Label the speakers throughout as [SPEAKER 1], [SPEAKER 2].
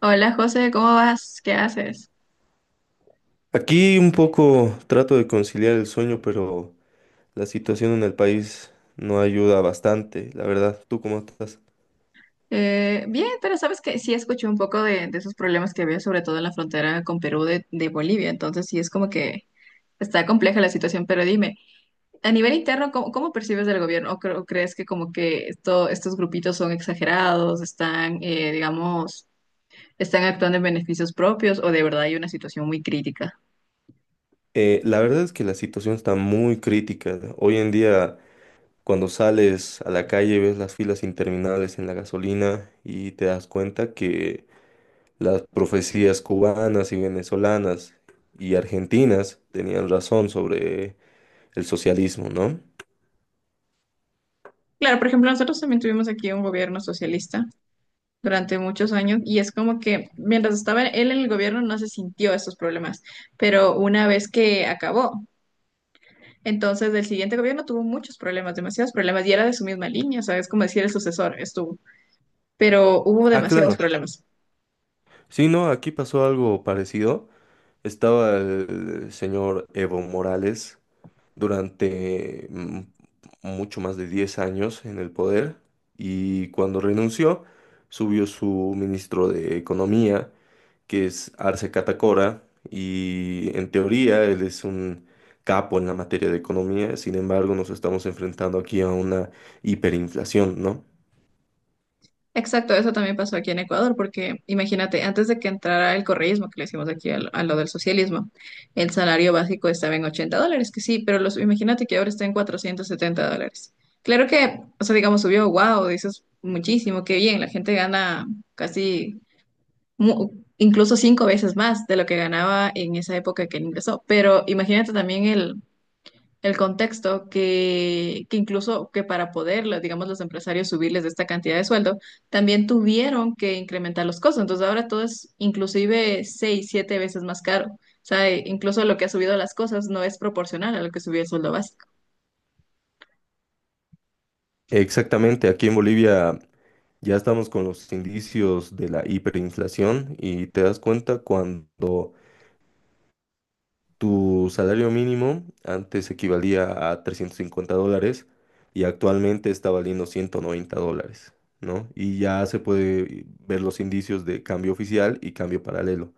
[SPEAKER 1] Hola José, ¿cómo vas? ¿Qué haces?
[SPEAKER 2] Aquí un poco trato de conciliar el sueño, pero la situación en el país no ayuda bastante, la verdad. ¿Tú cómo estás?
[SPEAKER 1] Bien, pero sabes que sí escuché un poco de esos problemas que había, sobre todo en la frontera con Perú de Bolivia, entonces sí es como que está compleja la situación, pero dime, a nivel interno, ¿ cómo percibes del gobierno? ¿O, o crees que como que estos grupitos son exagerados, están, digamos, están actuando en beneficios propios o de verdad hay una situación muy crítica?
[SPEAKER 2] La verdad es que la situación está muy crítica. Hoy en día, cuando sales a la calle, ves las filas interminables en la gasolina y te das cuenta que las profecías cubanas y venezolanas y argentinas tenían razón sobre el socialismo, ¿no?
[SPEAKER 1] Claro, por ejemplo, nosotros también tuvimos aquí un gobierno socialista durante muchos años y es como que mientras estaba él en el gobierno no se sintió estos problemas, pero una vez que acabó, entonces el siguiente gobierno tuvo muchos problemas, demasiados problemas y era de su misma línea, o sea, es como decir el sucesor estuvo, pero hubo
[SPEAKER 2] Ah,
[SPEAKER 1] demasiados
[SPEAKER 2] claro.
[SPEAKER 1] problemas.
[SPEAKER 2] Sí, no, aquí pasó algo parecido. Estaba el señor Evo Morales durante mucho más de 10 años en el poder, y cuando renunció subió su ministro de Economía, que es Arce Catacora, y en teoría él es un capo en la materia de economía. Sin embargo, nos estamos enfrentando aquí a una hiperinflación, ¿no?
[SPEAKER 1] Exacto, eso también pasó aquí en Ecuador, porque imagínate, antes de que entrara el correísmo, que le hicimos aquí a lo del socialismo, el salario básico estaba en $80, que sí, pero los, imagínate que ahora está en $470. Claro que, o sea, digamos, subió, wow, dices muchísimo, qué bien, la gente gana casi, mu- incluso cinco veces más de lo que ganaba en esa época que él ingresó, pero imagínate también el contexto que incluso que para poder, digamos, los empresarios subirles esta cantidad de sueldo, también tuvieron que incrementar los costos. Entonces ahora todo es inclusive seis, siete veces más caro. O sea, incluso lo que ha subido las cosas no es proporcional a lo que subió el sueldo básico.
[SPEAKER 2] Exactamente, aquí en Bolivia ya estamos con los indicios de la hiperinflación, y te das cuenta cuando tu salario mínimo antes equivalía a 350 dólares y actualmente está valiendo 190 dólares, ¿no? Y ya se puede ver los indicios de cambio oficial y cambio paralelo.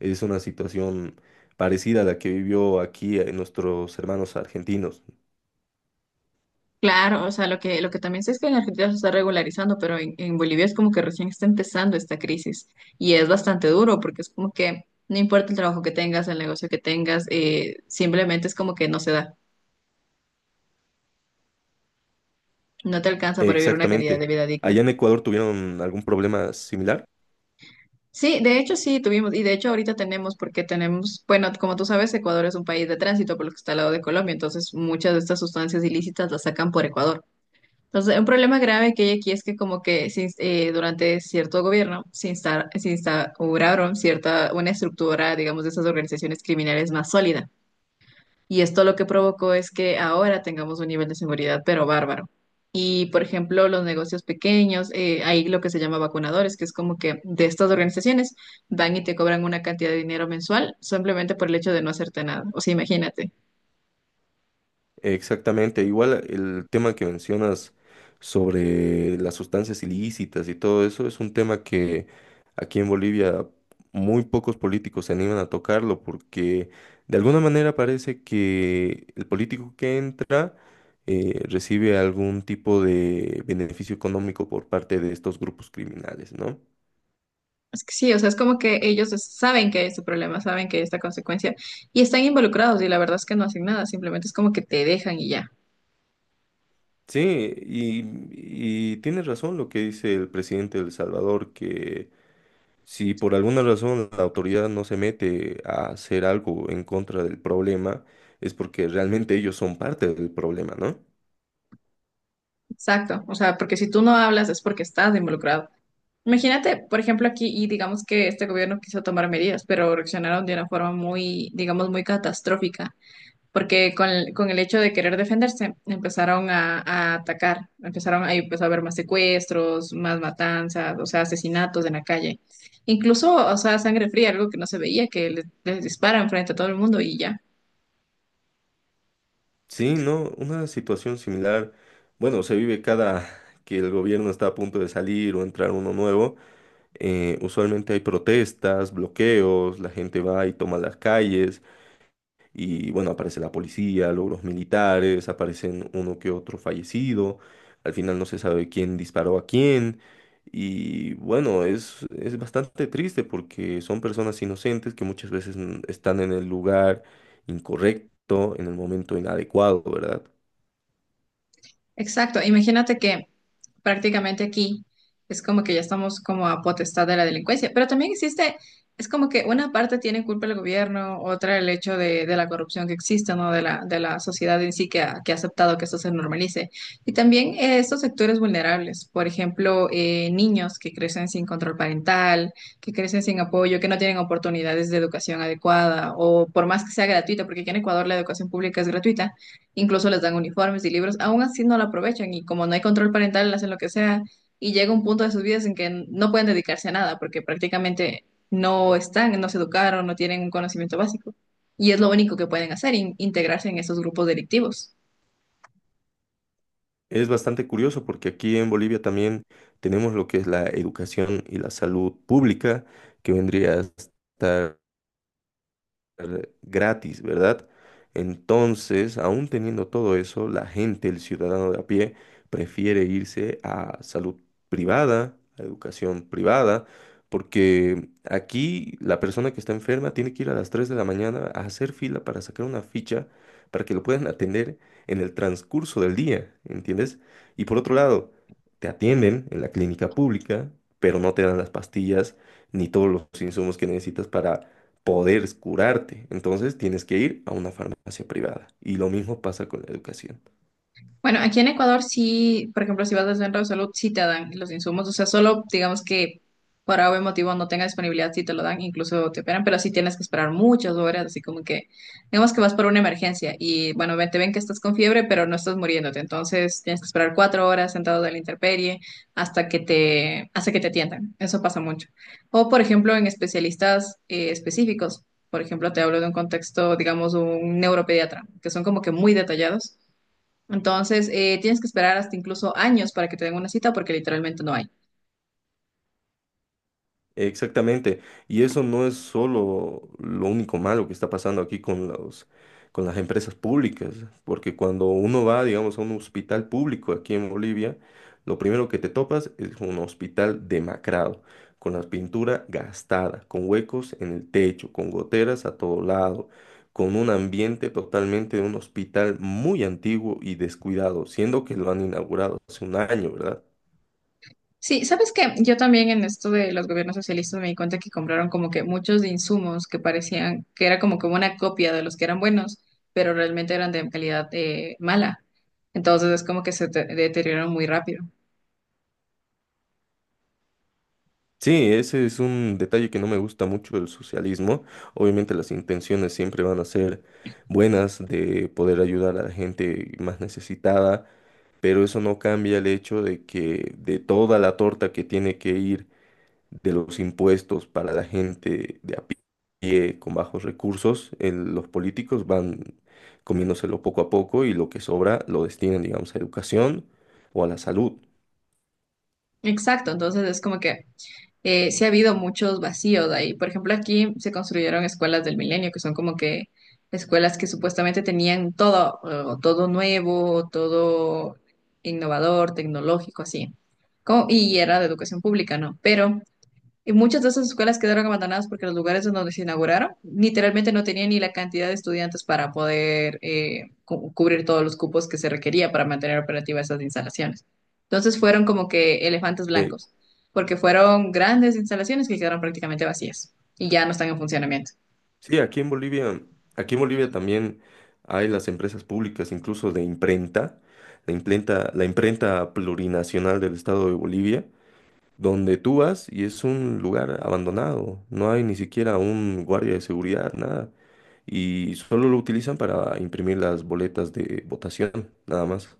[SPEAKER 2] Es una situación parecida a la que vivió aquí nuestros hermanos argentinos.
[SPEAKER 1] Claro, o sea, lo que también sé es que en Argentina se está regularizando, pero en Bolivia es como que recién está empezando esta crisis y es bastante duro porque es como que no importa el trabajo que tengas, el negocio que tengas, simplemente es como que no se da. No te alcanza para vivir una calidad
[SPEAKER 2] Exactamente.
[SPEAKER 1] de vida digna.
[SPEAKER 2] ¿Allá en Ecuador tuvieron algún problema similar?
[SPEAKER 1] Sí, de hecho sí tuvimos, y de hecho ahorita tenemos, porque tenemos, bueno, como tú sabes, Ecuador es un país de tránsito por lo que está al lado de Colombia, entonces muchas de estas sustancias ilícitas las sacan por Ecuador. Entonces, un problema grave que hay aquí es que como que durante cierto gobierno se instauraron cierta, una estructura, digamos, de esas organizaciones criminales más sólida. Y esto lo que provocó es que ahora tengamos un nivel de seguridad, pero bárbaro. Y, por ejemplo, los negocios pequeños, hay lo que se llama vacunadores, que es como que de estas organizaciones van y te cobran una cantidad de dinero mensual simplemente por el hecho de no hacerte nada. O sea, imagínate.
[SPEAKER 2] Exactamente, igual el tema que mencionas sobre las sustancias ilícitas y todo eso es un tema que aquí en Bolivia muy pocos políticos se animan a tocarlo, porque de alguna manera parece que el político que entra recibe algún tipo de beneficio económico por parte de estos grupos criminales, ¿no?
[SPEAKER 1] Es que sí, o sea, es como que saben que hay este problema, saben que hay esta consecuencia y están involucrados y la verdad es que no hacen nada, simplemente es como que te dejan y ya.
[SPEAKER 2] Sí, y tienes razón lo que dice el presidente de El Salvador, que si por alguna razón la autoridad no se mete a hacer algo en contra del problema, es porque realmente ellos son parte del problema, ¿no?
[SPEAKER 1] Exacto. O sea, porque si tú no hablas es porque estás involucrado. Imagínate, por ejemplo, aquí, y digamos que este gobierno quiso tomar medidas, pero reaccionaron de una forma muy, digamos, muy catastrófica, porque con el hecho de querer defenderse, empezaron a atacar, empezaron ahí empezó a haber más secuestros, más matanzas, o sea, asesinatos en la calle. Incluso, o sea, sangre fría, algo que no se veía, que les disparan frente a todo el mundo y ya.
[SPEAKER 2] Sí, no, una situación similar, bueno, se vive cada que el gobierno está a punto de salir o entrar uno nuevo. Usualmente hay protestas, bloqueos, la gente va y toma las calles. Y bueno, aparece la policía, luego los militares, aparecen uno que otro fallecido. Al final no se sabe quién disparó a quién. Y bueno, es bastante triste porque son personas inocentes que muchas veces están en el lugar incorrecto, en el momento inadecuado, ¿verdad?
[SPEAKER 1] Exacto, imagínate que prácticamente aquí es como que ya estamos como a potestad de la delincuencia, pero también existe, es como que una parte tiene culpa el gobierno, otra el hecho de la corrupción que existe, ¿no? De de la sociedad en sí que ha aceptado que esto se normalice. Y también estos sectores vulnerables, por ejemplo, niños que crecen sin control parental, que crecen sin apoyo, que no tienen oportunidades de educación adecuada, o por más que sea gratuita, porque aquí en Ecuador la educación pública es gratuita incluso les dan uniformes y libros, aún así no la aprovechan y como no hay control parental, hacen lo que sea y llega un punto de sus vidas en que no pueden dedicarse a nada porque prácticamente no están, no se educaron, no tienen un conocimiento básico y es lo único que pueden hacer, integrarse en esos grupos delictivos.
[SPEAKER 2] Es bastante curioso porque aquí en Bolivia también tenemos lo que es la educación y la salud pública, que vendría a estar gratis, ¿verdad? Entonces, aún teniendo todo eso, la gente, el ciudadano de a pie, prefiere irse a salud privada, a educación privada, porque aquí la persona que está enferma tiene que ir a las 3 de la mañana a hacer fila para sacar una ficha para que lo puedan atender en el transcurso del día, ¿entiendes? Y por otro lado, te atienden en la clínica pública, pero no te dan las pastillas ni todos los insumos que necesitas para poder curarte. Entonces tienes que ir a una farmacia privada. Y lo mismo pasa con la educación.
[SPEAKER 1] Bueno, aquí en Ecuador sí, por ejemplo, si vas al centro de salud, sí te dan los insumos, o sea, solo digamos que por algún motivo no tenga disponibilidad, sí te lo dan, incluso te operan, pero sí tienes que esperar muchas horas, así como que, digamos que vas por una emergencia y bueno, te ven que estás con fiebre, pero no estás muriéndote, entonces tienes que esperar 4 horas sentado en la intemperie hasta que te atiendan, eso pasa mucho. O por ejemplo, en especialistas específicos, por ejemplo, te hablo de un contexto, digamos, un neuropediatra, que son como que muy detallados entonces, tienes que esperar hasta incluso años para que te den una cita porque literalmente no hay.
[SPEAKER 2] Exactamente, y eso no es solo lo único malo que está pasando aquí con las empresas públicas, porque cuando uno va, digamos, a un hospital público aquí en Bolivia, lo primero que te topas es un hospital demacrado, con la pintura gastada, con huecos en el techo, con goteras a todo lado, con un ambiente totalmente de un hospital muy antiguo y descuidado, siendo que lo han inaugurado hace un año, ¿verdad?
[SPEAKER 1] Sí, ¿sabes qué? Yo también en esto de los gobiernos socialistas me di cuenta que compraron como que muchos de insumos que parecían que era como que una copia de los que eran buenos, pero realmente eran de calidad mala. Entonces es como que deterioraron muy rápido.
[SPEAKER 2] Sí, ese es un detalle que no me gusta mucho del socialismo. Obviamente las intenciones siempre van a ser buenas de poder ayudar a la gente más necesitada, pero eso no cambia el hecho de que de toda la torta que tiene que ir de los impuestos para la gente de a pie con bajos recursos, los políticos van comiéndoselo poco a poco, y lo que sobra lo destinan, digamos, a educación o a la salud.
[SPEAKER 1] Exacto, entonces es como que sí ha habido muchos vacíos ahí. Por ejemplo, aquí se construyeron escuelas del milenio, que son como que escuelas que supuestamente tenían todo, todo nuevo, todo innovador, tecnológico, así. Y era de educación pública, ¿no? Pero y muchas de esas escuelas quedaron abandonadas porque los lugares en donde se inauguraron literalmente no tenían ni la cantidad de estudiantes para poder cubrir todos los cupos que se requería para mantener operativas esas instalaciones. Entonces fueron como que elefantes
[SPEAKER 2] Eh,
[SPEAKER 1] blancos, porque fueron grandes instalaciones que quedaron prácticamente vacías y ya no están en funcionamiento.
[SPEAKER 2] Sí, aquí en Bolivia también hay las empresas públicas, incluso de imprenta, la imprenta plurinacional del estado de Bolivia, donde tú vas y es un lugar abandonado, no hay ni siquiera un guardia de seguridad, nada, y solo lo utilizan para imprimir las boletas de votación, nada más.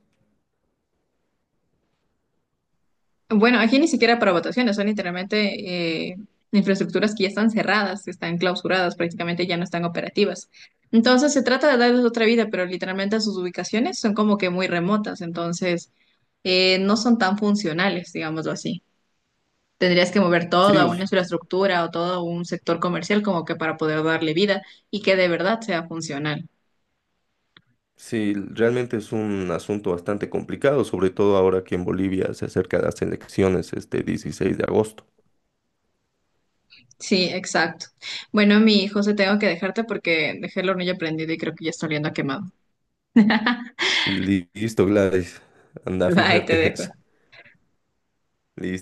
[SPEAKER 1] Bueno, aquí ni siquiera para votaciones, son literalmente infraestructuras que ya están cerradas, que están clausuradas, prácticamente ya no están operativas. Entonces se trata de darles otra vida, pero literalmente sus ubicaciones son como que muy remotas, entonces no son tan funcionales, digámoslo así. Tendrías que mover todo
[SPEAKER 2] Sí,
[SPEAKER 1] a una
[SPEAKER 2] us-
[SPEAKER 1] infraestructura o todo a un sector comercial como que para poder darle vida y que de verdad sea funcional.
[SPEAKER 2] sí, realmente es un asunto bastante complicado, sobre todo ahora que en Bolivia se acerca las elecciones este 16 de agosto.
[SPEAKER 1] Sí, exacto. Bueno, mi hijo, se tengo que dejarte porque dejé el hornillo prendido y creo que ya está oliendo a quemado.
[SPEAKER 2] Listo, Gladys. Anda a
[SPEAKER 1] Bye, te
[SPEAKER 2] fijarte eso.
[SPEAKER 1] dejo.
[SPEAKER 2] Listo.